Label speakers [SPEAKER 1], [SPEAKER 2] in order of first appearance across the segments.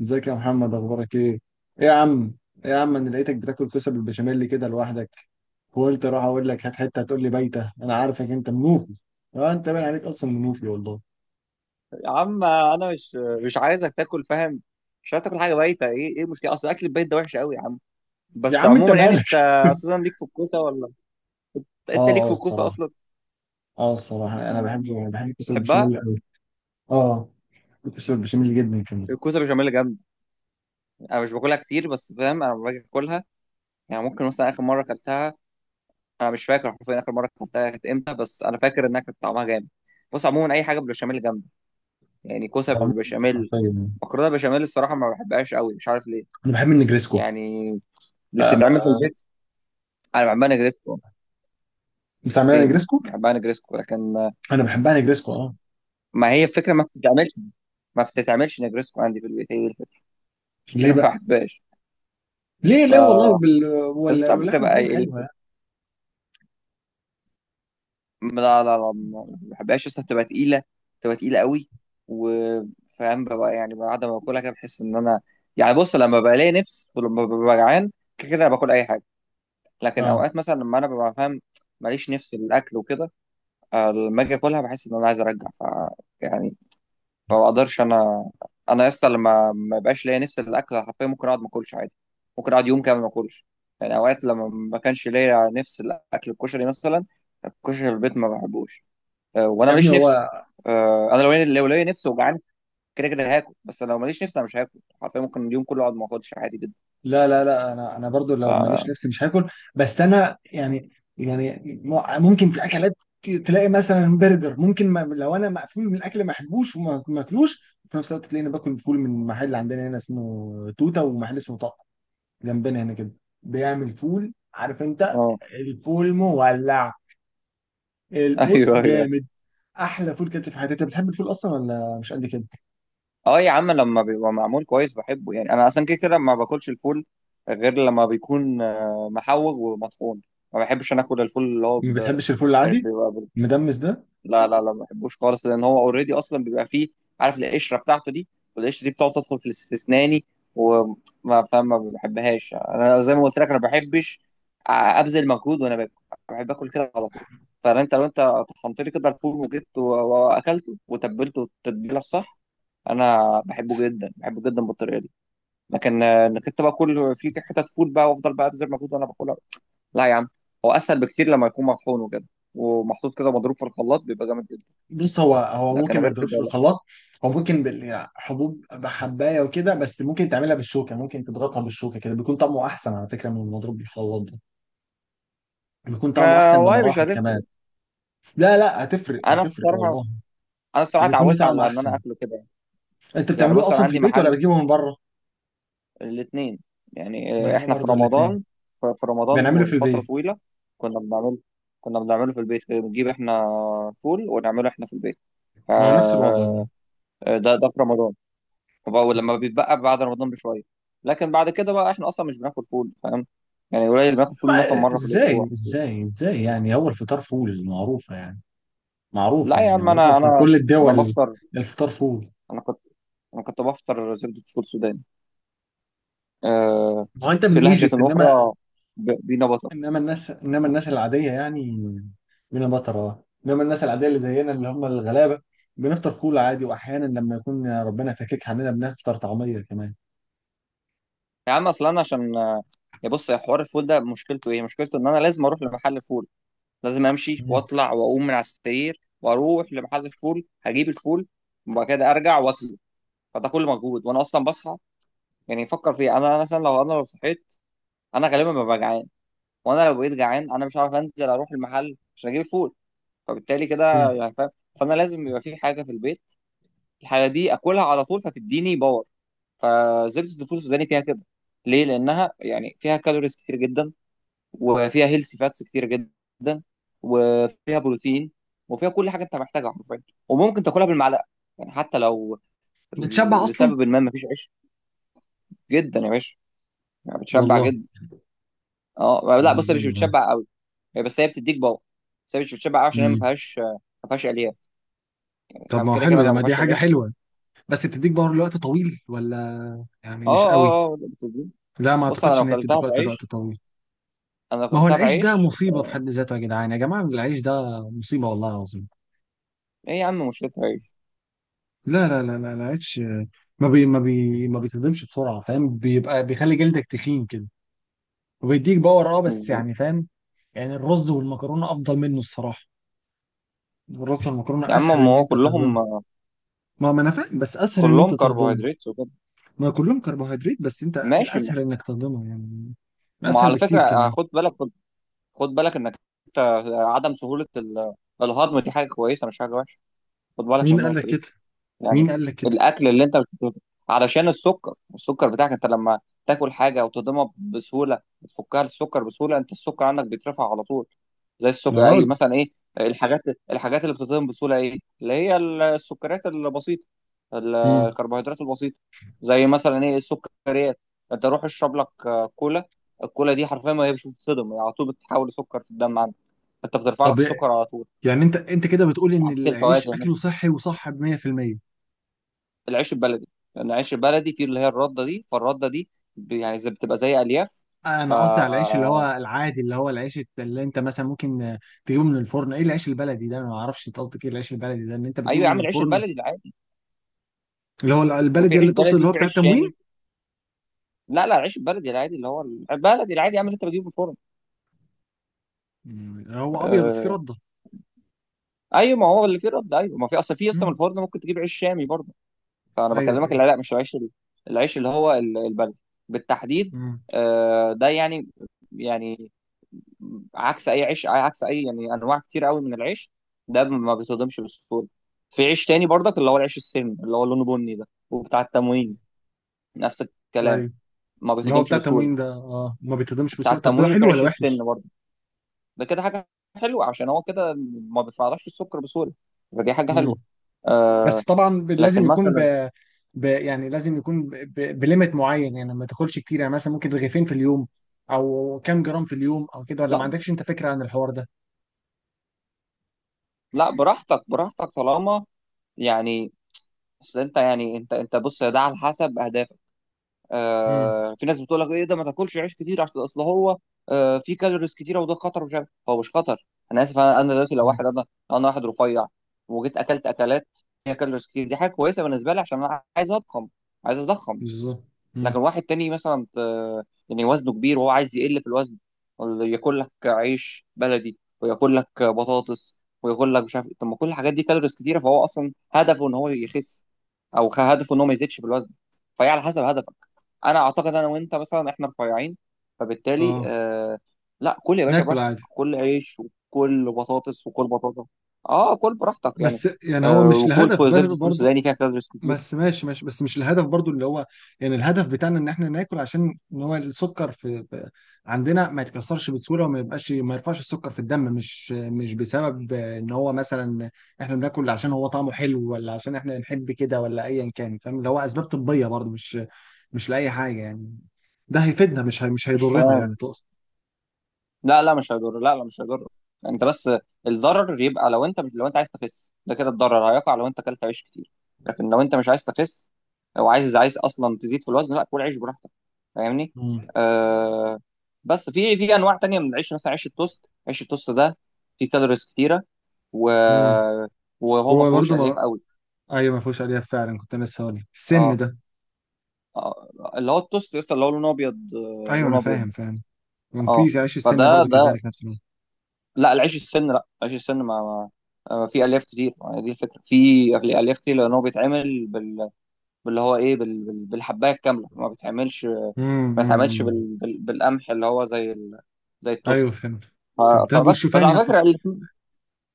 [SPEAKER 1] ازيك يا محمد، اخبارك ايه؟ ايه يا عم؟ ايه يا عم، انا لقيتك بتاكل كوسه بالبشاميل كده لوحدك، وقلت اروح اقول لك هات حته هتقول لي بايته، انا عارفك انت منوفي. اه انت باين عليك اصلا منوفي والله.
[SPEAKER 2] يا عم، انا مش عايزك تاكل. فاهم؟ مش عايز تاكل حاجه بايته. ايه المشكله؟ اصل اكل البيت ده وحش قوي يا عم.
[SPEAKER 1] يا
[SPEAKER 2] بس
[SPEAKER 1] عم انت
[SPEAKER 2] عموما، يعني
[SPEAKER 1] مالك؟
[SPEAKER 2] انت اساسا ليك في الكوسه ولا؟
[SPEAKER 1] اه
[SPEAKER 2] انت ليك
[SPEAKER 1] اه
[SPEAKER 2] في الكوسه
[SPEAKER 1] الصراحه
[SPEAKER 2] اصلا؟
[SPEAKER 1] اه الصراحه انا بحب الكوسه
[SPEAKER 2] بتحبها.
[SPEAKER 1] بالبشاميل قوي. اه الكوسه بالبشاميل جدا كمان.
[SPEAKER 2] الكوسه بشاميل جامد. انا مش باكلها كتير، بس فاهم انا لما باجي اكلها، يعني ممكن مثلا اخر مره اكلتها، انا مش فاكر حرفيا اخر مره اكلتها كانت امتى، بس انا فاكر انها كانت طعمها جامد. بص عموما اي حاجه بالبشاميل جامده. يعني كوسه
[SPEAKER 1] عموما انت
[SPEAKER 2] بالبشاميل،
[SPEAKER 1] حرفيا يعني.
[SPEAKER 2] مكرونه بشاميل، الصراحه ما بحبهاش قوي، مش عارف ليه.
[SPEAKER 1] انا بحب النجريسكو.
[SPEAKER 2] يعني اللي
[SPEAKER 1] آه،
[SPEAKER 2] بتتعمل في البيت. انا بعملها جريت.
[SPEAKER 1] بتعملها
[SPEAKER 2] سيم.
[SPEAKER 1] نجريسكو؟
[SPEAKER 2] بحبها نجريسكو، لكن
[SPEAKER 1] انا بحبها نجريسكو اه.
[SPEAKER 2] ما هي الفكره، ما بتتعملش نجريسكو عندي في البيت، هي دي الفكره. عشان
[SPEAKER 1] ليه
[SPEAKER 2] كده ما
[SPEAKER 1] بقى؟
[SPEAKER 2] بحبهاش.
[SPEAKER 1] ليه والله
[SPEAKER 2] ف بس طب
[SPEAKER 1] واللحمه
[SPEAKER 2] بتبقى
[SPEAKER 1] مفرومه
[SPEAKER 2] إيه
[SPEAKER 1] حلوه يعني.
[SPEAKER 2] الفكرة؟ لا لا لا، ما بحبهاش اصلا، بتبقى تقيله قوي. وفاهم بقى، يعني بعد ما باكلها كده بحس ان انا، يعني بص لما بلاقي نفس ولما ببقى جعان، كده كده باكل اي حاجه. لكن
[SPEAKER 1] اه
[SPEAKER 2] اوقات مثلا لما انا ببقى فاهم، ماليش نفس للاكل وكده. لما اجي اكلها بحس ان انا عايز ارجع يعني ما بقدرش انا. انا يا اسطى لما ما يبقاش ليا نفس الاكل، حرفيا ممكن اقعد ما اكلش عادي، ممكن اقعد يوم كامل ما اكلش. يعني اوقات لما ما كانش ليا نفس الاكل، الكشري مثلا، الكشري في البيت ما بحبوش. وانا
[SPEAKER 1] يا ابني
[SPEAKER 2] ماليش
[SPEAKER 1] هو.
[SPEAKER 2] نفس. انا لو ليا نفس وجعان، كده كده هاكل. بس لو ماليش نفس انا مش هاكل، حرفيا ممكن اليوم كله اقعد ما اكلش عادي جدا.
[SPEAKER 1] لا لا لا، انا برضو
[SPEAKER 2] ف
[SPEAKER 1] لو ماليش
[SPEAKER 2] اه
[SPEAKER 1] نفسي مش هاكل، بس انا يعني، يعني ممكن في اكلات، تلاقي مثلا برجر ممكن ما لو انا مقفول من الاكل ما احبوش وما ما اكلوش، في نفس الوقت تلاقيني باكل فول من محل عندنا هنا اسمه توته، ومحل اسمه طق جنبنا هنا كده، بيعمل فول عارف انت. الفول مولع، البص
[SPEAKER 2] ايوه ايوه.
[SPEAKER 1] جامد، احلى فول كده في حياتي. انت بتحب الفول اصلا ولا مش قد كده؟
[SPEAKER 2] اه يا عم، لما بيبقى معمول كويس بحبه. يعني انا اصلا كده كده ما باكلش الفول غير لما بيكون محوج ومطحون. ما بحبش انا اكل الفول اللي هو
[SPEAKER 1] ما بتحبش الفول
[SPEAKER 2] يعني
[SPEAKER 1] العادي
[SPEAKER 2] بيبقى
[SPEAKER 1] المدمس ده؟
[SPEAKER 2] لا لا لا، ما بحبوش خالص، لان هو اوريدي اصلا بيبقى فيه، عارف القشره بتاعته دي، والقشره دي بتقعد تدخل في في اسناني. وما بحبهاش، انا زي ما قلت لك، انا ما بحبش ابذل مجهود وانا باكل. بحب اكل كده على طول. فانت لو انت طحنت لي كده الفول وجبته واكلته وتبلته التتبيله الصح، انا بحبه جدا، بحبه جدا بالطريقه دي. لكن انك انت بقى كل في حتت فول بقى، وافضل بقى ابذل مجهود وانا باكلها، لا يا عم. هو اسهل بكتير لما يكون مطحون وكده، ومحطوط كده، مضروب في الخلاط بيبقى جامد جدا.
[SPEAKER 1] بص، هو
[SPEAKER 2] لكن
[SPEAKER 1] ممكن ما
[SPEAKER 2] غير كده
[SPEAKER 1] تضربش
[SPEAKER 2] لا.
[SPEAKER 1] بالخلاط. هو ممكن يعني حبوب بحبايه وكده، بس ممكن تعملها بالشوكه، ممكن تضغطها بالشوكه كده بيكون طعمه احسن على فكره من المضروب بالخلاط ده. بيكون طعمه
[SPEAKER 2] ما
[SPEAKER 1] احسن
[SPEAKER 2] والله مش
[SPEAKER 1] بمراحل كمان.
[SPEAKER 2] هتفرق.
[SPEAKER 1] لا لا، هتفرق
[SPEAKER 2] انا
[SPEAKER 1] هتفرق
[SPEAKER 2] الصراحه
[SPEAKER 1] والله.
[SPEAKER 2] انا الصراحه
[SPEAKER 1] بيكون له
[SPEAKER 2] اتعودت
[SPEAKER 1] طعم
[SPEAKER 2] على ان انا
[SPEAKER 1] احسن.
[SPEAKER 2] اكله كده.
[SPEAKER 1] انت
[SPEAKER 2] يعني
[SPEAKER 1] بتعملوه
[SPEAKER 2] بص انا
[SPEAKER 1] اصلا في
[SPEAKER 2] عندي
[SPEAKER 1] البيت ولا
[SPEAKER 2] محل
[SPEAKER 1] بتجيبه من بره؟
[SPEAKER 2] الاثنين. يعني
[SPEAKER 1] ما احنا
[SPEAKER 2] احنا في
[SPEAKER 1] برضو الاثنين،
[SPEAKER 2] رمضان، في رمضان
[SPEAKER 1] بنعمله في
[SPEAKER 2] والفتره
[SPEAKER 1] البيت.
[SPEAKER 2] طويله. كنا بنعمل كنا بنعمله في البيت كده، بنجيب احنا فول ونعمله احنا في البيت. ف-
[SPEAKER 1] ما هو نفس الوضع يعني.
[SPEAKER 2] آه، ده في رمضان. وبقى لما بيتبقى بعد رمضان بشويه. لكن بعد كده بقى احنا اصلا مش بناكل فول، فاهم؟ يعني قليل بناكل
[SPEAKER 1] ما
[SPEAKER 2] فول، مثلا مره في الاسبوع.
[SPEAKER 1] ازاي ازاي ازاي يعني، هو الفطار فول معروفه يعني،
[SPEAKER 2] لا
[SPEAKER 1] معروفه
[SPEAKER 2] يا
[SPEAKER 1] يعني
[SPEAKER 2] عم،
[SPEAKER 1] معروفه
[SPEAKER 2] انا
[SPEAKER 1] في
[SPEAKER 2] انا
[SPEAKER 1] كل
[SPEAKER 2] انا
[SPEAKER 1] الدول.
[SPEAKER 2] بفطر.
[SPEAKER 1] الفطار فول.
[SPEAKER 2] انا كنت انا كنت بفطر زبده فول سوداني. آه
[SPEAKER 1] ما هو انت من
[SPEAKER 2] في لهجه
[SPEAKER 1] ايجيبت، انما
[SPEAKER 2] اخرى، بينا بطر.
[SPEAKER 1] انما الناس انما الناس العاديه يعني، بينا مطره، انما الناس العاديه اللي زينا اللي هم الغلابه، بنفطر فول عادي، واحيانا لما يكون ربنا فاكك عننا بنفطر طعميه كمان.
[SPEAKER 2] يا عم اصلا انا عشان يا بص يا حوار، الفول ده مشكلته ايه؟ مشكلته ان انا لازم اروح لمحل فول، لازم امشي
[SPEAKER 1] مم.
[SPEAKER 2] واطلع واقوم من على السرير واروح لمحل الفول هجيب الفول، وبعد كده ارجع واغسله. فده كل مجهود وانا اصلا بصحى. يعني فكر فيها، انا مثلا لو انا لو صحيت، انا غالبا ببقى جعان، وانا لو بقيت جعان انا مش عارف انزل اروح المحل عشان اجيب فول، فبالتالي كده
[SPEAKER 1] مم.
[SPEAKER 2] يعني فاهم. فانا لازم يبقى في حاجه في البيت، الحاجه دي اكلها على طول فتديني باور. فزبده الفول السوداني فيها كده. ليه؟ لانها يعني فيها كالوريز كتير جدا، وفيها هيلثي فاتس كتير جدا، وفيها بروتين، وفيها كل حاجه انت محتاجها حرفيا. وممكن تاكلها بالمعلقه، يعني حتى لو
[SPEAKER 1] بتشبع اصلا.
[SPEAKER 2] لسبب ما مفيش عيش. جدا يا باشا، يعني بتشبع
[SPEAKER 1] والله.
[SPEAKER 2] جدا. اه
[SPEAKER 1] طب
[SPEAKER 2] لا
[SPEAKER 1] ما هو
[SPEAKER 2] بص، هي مش
[SPEAKER 1] جامد ده.
[SPEAKER 2] بتشبع قوي. هي بتديك باور، بس هي مش بتشبع قوي عشان هي ما
[SPEAKER 1] امم.
[SPEAKER 2] فيهاش، ما فيهاش الياف.
[SPEAKER 1] طب
[SPEAKER 2] فاهم،
[SPEAKER 1] ما هو
[SPEAKER 2] كده
[SPEAKER 1] حلو
[SPEAKER 2] كده
[SPEAKER 1] ده،
[SPEAKER 2] لو
[SPEAKER 1] ما
[SPEAKER 2] ما
[SPEAKER 1] دي
[SPEAKER 2] فيهاش
[SPEAKER 1] حاجه
[SPEAKER 2] الياف.
[SPEAKER 1] حلوه. بس بتديك باور لوقت طويل ولا يعني
[SPEAKER 2] اه
[SPEAKER 1] مش
[SPEAKER 2] اه
[SPEAKER 1] قوي؟
[SPEAKER 2] اه اه، بتديك.
[SPEAKER 1] لا ما
[SPEAKER 2] بص
[SPEAKER 1] اعتقدش ان هي بتديك وقت لوقت طويل.
[SPEAKER 2] انا لو
[SPEAKER 1] ما هو
[SPEAKER 2] كلتها
[SPEAKER 1] العيش ده
[SPEAKER 2] بعيش
[SPEAKER 1] مصيبه في حد ذاته يا جدعان، يا جماعه العيش ده مصيبه والله العظيم.
[SPEAKER 2] ايه يا عم، مشكلتها عيش.
[SPEAKER 1] لا لا لا لا لا، ما بيتهضمش بسرعه، فاهم، بيبقى بيخلي جلدك تخين كده، وبيديك باور. اه بس يعني فاهم، يعني الرز والمكرونه افضل منه الصراحه. الرز والمكرونه
[SPEAKER 2] يا
[SPEAKER 1] اسهل
[SPEAKER 2] عم ما
[SPEAKER 1] ان
[SPEAKER 2] هو
[SPEAKER 1] انت تهضمه. ما انا فاهم بس اسهل ان
[SPEAKER 2] كلهم
[SPEAKER 1] انت تهضمه.
[SPEAKER 2] كربوهيدرات وكده.
[SPEAKER 1] ما كلهم كربوهيدرات، بس انت
[SPEAKER 2] ماشي ما.
[SPEAKER 1] الاسهل انك تهضمه يعني.
[SPEAKER 2] ما
[SPEAKER 1] اسهل
[SPEAKER 2] على
[SPEAKER 1] بكتير
[SPEAKER 2] فكره
[SPEAKER 1] كمان.
[SPEAKER 2] خد بالك خد بالك انك انت، عدم سهوله الهضم دي حاجه كويسه مش حاجه وحشه، خد بالك من
[SPEAKER 1] مين قال
[SPEAKER 2] النقطه
[SPEAKER 1] لك
[SPEAKER 2] دي.
[SPEAKER 1] كده؟
[SPEAKER 2] يعني
[SPEAKER 1] مين قال لك كده؟
[SPEAKER 2] الاكل اللي انت مش بتهضمه، علشان السكر بتاعك انت لما تاكل حاجه وتهضمها بسهوله بتفكها السكر بسهوله، انت السكر عندك بيترفع على طول. زي
[SPEAKER 1] يا
[SPEAKER 2] السكر، اي
[SPEAKER 1] راجل.
[SPEAKER 2] مثلا ايه الحاجات الحاجات اللي بتتهضم بسهوله، ايه اللي هي السكريات البسيطه،
[SPEAKER 1] امم.
[SPEAKER 2] الكربوهيدرات البسيطه. زي مثلا ايه السكريات؟ انت روح اشرب لك كولا. الكولا دي حرفيا ما هي مش بتتهضم، هي على طول بتتحول لسكر في الدم عندك، انت بترفع
[SPEAKER 1] طب
[SPEAKER 2] لك السكر على طول،
[SPEAKER 1] يعني انت كده بتقول ان
[SPEAKER 2] عكس
[SPEAKER 1] العيش
[SPEAKER 2] الفواكه.
[SPEAKER 1] اكله صحي وصح ب 100%؟
[SPEAKER 2] العيش البلدي، لان العيش البلدي فيه اللي هي الرده دي، فالرده دي يعني زي بتبقى زي الياف. فا
[SPEAKER 1] انا قصدي على العيش اللي هو العادي، اللي هو العيش اللي انت مثلا ممكن تجيبه من الفرن. ايه العيش البلدي ده؟ انا ما اعرفش انت قصدك ايه العيش البلدي ده، ان انت بتجيبه
[SPEAKER 2] ايوه يا
[SPEAKER 1] من
[SPEAKER 2] عم، العيش
[SPEAKER 1] الفرن؟
[SPEAKER 2] البلدي العادي.
[SPEAKER 1] اللي هو
[SPEAKER 2] ما في
[SPEAKER 1] البلدي
[SPEAKER 2] عيش
[SPEAKER 1] اللي تقصد
[SPEAKER 2] بلدي
[SPEAKER 1] اللي هو
[SPEAKER 2] وفي
[SPEAKER 1] بتاع
[SPEAKER 2] عيش
[SPEAKER 1] التموين.
[SPEAKER 2] شامي. لا لا، العيش البلدي العادي اللي هو البلدي العادي يا عم، اللي انت بتجيبه من الفرن.
[SPEAKER 1] مم. اللي هو ابيض بس فيه
[SPEAKER 2] آه...
[SPEAKER 1] رده.
[SPEAKER 2] ايوه ما هو اللي فيه رد. ايوه ما في اصلا من
[SPEAKER 1] مم.
[SPEAKER 2] الفرن ممكن تجيب عيش شامي برضه. فانا
[SPEAKER 1] ايوه
[SPEAKER 2] بكلمك
[SPEAKER 1] ايوه.
[SPEAKER 2] اللي لا، مش العيش العيش اللي هو البلدي بالتحديد.
[SPEAKER 1] مم.
[SPEAKER 2] ده يعني عكس اي عيش، عكس اي يعني انواع كتير قوي من العيش، ده ما بيتهضمش بسهوله. في عيش تاني برضك، اللي هو العيش السن اللي هو لونه بني ده، وبتاع التموين، نفس الكلام،
[SPEAKER 1] ايوه.
[SPEAKER 2] ما
[SPEAKER 1] اللي هو
[SPEAKER 2] بيتهضمش
[SPEAKER 1] بتاع
[SPEAKER 2] بسهوله.
[SPEAKER 1] التموين ده ما بيتهضمش
[SPEAKER 2] بتاع
[SPEAKER 1] بسهوله، طب ده
[SPEAKER 2] التموين وفي
[SPEAKER 1] حلو ولا
[SPEAKER 2] عيش
[SPEAKER 1] وحش؟
[SPEAKER 2] السن برضه، ده كده حاجه حلوه، عشان هو كده ما بيفعلش السكر بسهوله، فدي حاجه حلوه.
[SPEAKER 1] مم. بس
[SPEAKER 2] آه
[SPEAKER 1] طبعا لازم
[SPEAKER 2] لكن
[SPEAKER 1] يكون
[SPEAKER 2] مثلا،
[SPEAKER 1] يعني لازم يكون بليمت معين يعني، ما تاكلش كتير يعني، مثلا ممكن رغيفين في اليوم، او كام جرام في اليوم او كده، ولا ما
[SPEAKER 2] لا
[SPEAKER 1] عندكش انت فكره عن الحوار ده؟
[SPEAKER 2] لا، براحتك براحتك، طالما يعني اصل انت، يعني انت بص، ده على حسب اهدافك.
[SPEAKER 1] امم.
[SPEAKER 2] في ناس بتقول لك ايه ده، ما تاكلش عيش كتير عشان اصل هو في كالوريز كتيره وده خطر، ومش عارف هو مش خطر. انا اسف، أنا دلوقتي لو واحد
[SPEAKER 1] امم.
[SPEAKER 2] انا، انا واحد رفيع، وجيت اكلت اكلات فيها كالوريز كتير، دي حاجه كويسه بالنسبه لي عشان انا عايز اضخم، عايز اضخم.
[SPEAKER 1] بالظبط. امم.
[SPEAKER 2] لكن واحد تاني مثلا يعني وزنه كبير وهو عايز يقل في الوزن، ولا ياكل لك عيش بلدي وياكل لك بطاطس وياكل لك مش عارف إيه. طب ما كل الحاجات دي كالوريز كتيره، فهو اصلا هدفه ان هو يخس، او هدفه ان هو ما يزيدش في الوزن، فهي على حسب هدفك. انا اعتقد انا وانت مثلا احنا رفيعين، فبالتالي
[SPEAKER 1] اه
[SPEAKER 2] لا كل يا باشا
[SPEAKER 1] ناكل
[SPEAKER 2] براحتك،
[SPEAKER 1] عادي.
[SPEAKER 2] كل عيش وكل بطاطس وكل بطاطا، اه كل براحتك يعني.
[SPEAKER 1] بس يعني هو مش
[SPEAKER 2] وكل
[SPEAKER 1] الهدف
[SPEAKER 2] فوق
[SPEAKER 1] بس
[SPEAKER 2] زبده فول
[SPEAKER 1] برضه.
[SPEAKER 2] سوداني فيها كالوريز كتير.
[SPEAKER 1] بس ماشي ماشي، بس مش الهدف برضه اللي هو، يعني الهدف بتاعنا ان احنا ناكل عشان ان هو السكر عندنا ما يتكسرش بسهوله، وما يبقاش ما يرفعش السكر في الدم، مش بسبب ان هو مثلا احنا بناكل عشان هو طعمه حلو، ولا عشان احنا بنحب كده، ولا ايا كان، فاهم، اللي هو اسباب طبيه برضه، مش لاي حاجه يعني. ده هيفيدنا، مش هي مش
[SPEAKER 2] مش
[SPEAKER 1] هيضرنا يعني
[SPEAKER 2] فاهم؟
[SPEAKER 1] تقصد؟
[SPEAKER 2] لا لا مش هيضر، لا لا مش هيضر. انت بس الضرر يبقى لو انت مش، لو انت عايز تخس، ده كده الضرر هيقع لو انت اكلت عيش كتير. لكن لو انت مش عايز تخس، او عايز اصلا تزيد في الوزن، لا كل عيش براحتك، فاهمني؟
[SPEAKER 1] امم.
[SPEAKER 2] آه بس في انواع تانية من العيش، مثلا عيش التوست، عيش التوست ده فيه كالوريز كتيره، و...
[SPEAKER 1] امم.
[SPEAKER 2] وهو ما
[SPEAKER 1] هو
[SPEAKER 2] فيهوش الياف
[SPEAKER 1] برضه.
[SPEAKER 2] قوي.
[SPEAKER 1] ايوه ما فيهوش الياف فعلا، كنت أنا لسه هقول لك. السن
[SPEAKER 2] اه،
[SPEAKER 1] ده.
[SPEAKER 2] آه، اللي هو التوست لسه اللي هو لونه ابيض،
[SPEAKER 1] ايوه انا
[SPEAKER 2] لونه ابيض.
[SPEAKER 1] فاهم فاهم.
[SPEAKER 2] اه،
[SPEAKER 1] ومفيش عيش السن برضو
[SPEAKER 2] ده
[SPEAKER 1] كذلك نفس الوقت.
[SPEAKER 2] لا، العيش السن، لا عيش السن، ما, ما في الياف كتير، دي الفكره، الياف كتير، لان هو بيتعمل باللي هو ايه، بالحبايه الكامله، ما
[SPEAKER 1] امم.
[SPEAKER 2] بيتعملش
[SPEAKER 1] أمم.
[SPEAKER 2] بالقمح اللي هو زي زي التوست
[SPEAKER 1] ايوه فهمت.
[SPEAKER 2] ف...
[SPEAKER 1] فهمت، طب
[SPEAKER 2] بس
[SPEAKER 1] والشوفان يا
[SPEAKER 2] على
[SPEAKER 1] اسطى.
[SPEAKER 2] فكره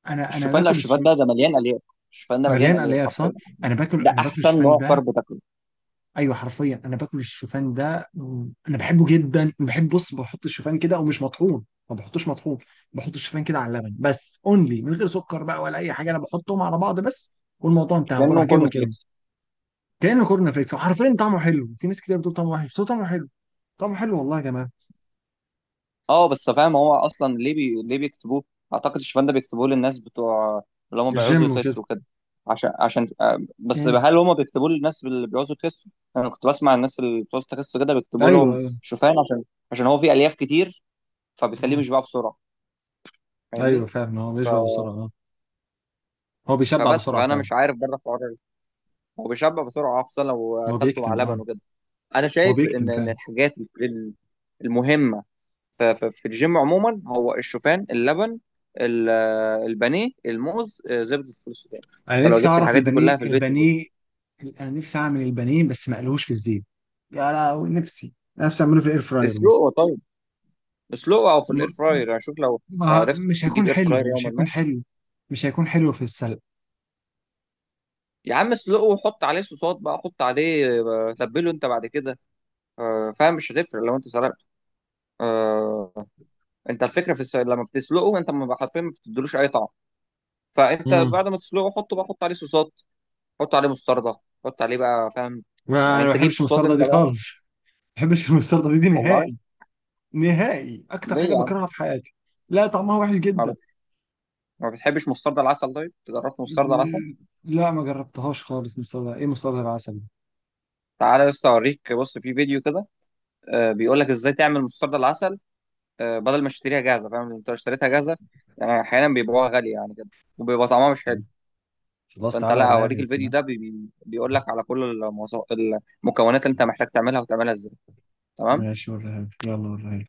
[SPEAKER 1] انا
[SPEAKER 2] الشوفان، لا
[SPEAKER 1] باكل
[SPEAKER 2] الشوفان ده مليان الياف. الشوفان ده مليان
[SPEAKER 1] مليان
[SPEAKER 2] الياف
[SPEAKER 1] الياف صح.
[SPEAKER 2] حرفيا.
[SPEAKER 1] انا باكل
[SPEAKER 2] ده
[SPEAKER 1] انا باكل
[SPEAKER 2] احسن
[SPEAKER 1] الشوفان
[SPEAKER 2] نوع
[SPEAKER 1] ده.
[SPEAKER 2] كارب تاكله.
[SPEAKER 1] ايوه حرفيا انا باكل الشوفان ده. انا بحبه جدا. بص، بحط الشوفان كده ومش مطحون، ما بحطوش مطحون. بحط الشوفان كده على اللبن بس، اونلي من غير سكر بقى ولا اي حاجه، انا بحطهم على بعض بس، والموضوع انتهى، بروح
[SPEAKER 2] كانه
[SPEAKER 1] جايبه
[SPEAKER 2] كورن
[SPEAKER 1] كده.
[SPEAKER 2] فليكس.
[SPEAKER 1] كانه كورن فليكس، وحرفيا طعمه حلو. في ناس كتير بتقول طعمه وحش بس هو طعمه حلو، طعمه حلو والله يا جماعه.
[SPEAKER 2] اه بس فاهم، هو اصلا ليه ليه بيكتبوه. اعتقد الشوفان ده بيكتبوه للناس بتوع اللي هم بيعوزوا
[SPEAKER 1] الجيم وكده.
[SPEAKER 2] يخسوا كده، عشان بس
[SPEAKER 1] امم.
[SPEAKER 2] هل هم بيكتبوه للناس اللي بيعوزوا يخسوا؟ انا كنت بسمع الناس اللي بتعوز تخس كده بيكتبوا
[SPEAKER 1] ايوه
[SPEAKER 2] لهم
[SPEAKER 1] ايوه.
[SPEAKER 2] شوفان عشان، هو فيه الياف كتير، فبيخليه
[SPEAKER 1] امم.
[SPEAKER 2] مش بقى بسرعه،
[SPEAKER 1] ايوه
[SPEAKER 2] فاهمني؟
[SPEAKER 1] فعلا هو
[SPEAKER 2] ف...
[SPEAKER 1] بيشبع بسرعه اه. هو بيشبع
[SPEAKER 2] فبس
[SPEAKER 1] بسرعه
[SPEAKER 2] فانا
[SPEAKER 1] فعلا.
[SPEAKER 2] مش عارف بره الحوار ده. هو بيشبع بسرعه خصوصا لو
[SPEAKER 1] هو
[SPEAKER 2] اكلته مع
[SPEAKER 1] بيكتم
[SPEAKER 2] لبن
[SPEAKER 1] اه.
[SPEAKER 2] وكده. انا
[SPEAKER 1] هو
[SPEAKER 2] شايف
[SPEAKER 1] بيكتم
[SPEAKER 2] ان
[SPEAKER 1] فعلا.
[SPEAKER 2] الحاجات المهمه في الجيم عموما، هو الشوفان، اللبن، ال- البانيه، الموز، زبده الفول السوداني.
[SPEAKER 1] انا
[SPEAKER 2] انت لو
[SPEAKER 1] نفسي
[SPEAKER 2] جبت
[SPEAKER 1] اعرف
[SPEAKER 2] الحاجات دي
[SPEAKER 1] البانيه
[SPEAKER 2] كلها في البيت.
[SPEAKER 1] البانيه. انا نفسي اعمل البانيه، بس ما قالوش في الزيت. يا لهوي، نفسي نفسي اعمله في الاير فراير مثلا.
[SPEAKER 2] اسلقه طيب، اسلقه او في الاير
[SPEAKER 1] م-
[SPEAKER 2] فراير، يعني شوف لو
[SPEAKER 1] ما
[SPEAKER 2] عرفت
[SPEAKER 1] مش
[SPEAKER 2] تجيب
[SPEAKER 1] هيكون
[SPEAKER 2] اير فراير
[SPEAKER 1] حلو، مش
[SPEAKER 2] يوما
[SPEAKER 1] هيكون
[SPEAKER 2] ما.
[SPEAKER 1] حلو. مش هيكون حلو في السلق.
[SPEAKER 2] يا عم اسلقه وحط عليه صوصات بقى، حط عليه تبله انت بعد كده، فاهم مش هتفرق لو انت سلقته. آه، انت الفكره في لما بتسلقه انت، ما حرفيا ما بتديلوش اي طعم، فانت
[SPEAKER 1] امم.
[SPEAKER 2] بعد ما تسلقه حطه بقى، حط عليه صوصات، حط عليه مستردة، حط عليه بقى فاهم،
[SPEAKER 1] ما
[SPEAKER 2] يعني
[SPEAKER 1] انا ما
[SPEAKER 2] انت جيب
[SPEAKER 1] بحبش
[SPEAKER 2] صوصات
[SPEAKER 1] المستردة
[SPEAKER 2] انت
[SPEAKER 1] دي
[SPEAKER 2] بقى.
[SPEAKER 1] خالص. ما بحبش المستردة دي
[SPEAKER 2] والله
[SPEAKER 1] نهائي. نهائي، اكتر
[SPEAKER 2] ليه
[SPEAKER 1] حاجه
[SPEAKER 2] يا عم؟
[SPEAKER 1] بكرهها في حياتي. لا طعمها وحش
[SPEAKER 2] ما,
[SPEAKER 1] جدا.
[SPEAKER 2] بت... ما بتحبش مسترد العسل؟ طيب جربت مسترد العسل؟
[SPEAKER 1] لا ما جربتهاش خالص. مستردة ايه؟ مستردة العسل؟
[SPEAKER 2] تعالى بس اوريك، بص في فيديو كده، بيقول لك ازاي تعمل مسترد العسل، بدل ما تشتريها جاهزه، فاهم؟ انت لو اشتريتها جاهزه يعني احيانا بيبيعوها غاليه يعني كده، وبيبقى طعمها مش حلو.
[SPEAKER 1] خلاص
[SPEAKER 2] فانت
[SPEAKER 1] تعالى
[SPEAKER 2] لا
[SPEAKER 1] وريها لي
[SPEAKER 2] اوريك
[SPEAKER 1] يا
[SPEAKER 2] الفيديو
[SPEAKER 1] سلام.
[SPEAKER 2] ده، بيقول لك على كل المكونات اللي انت محتاج تعملها وتعملها ازاي. تمام.
[SPEAKER 1] ماشي وريها لي، يلا وريها لي.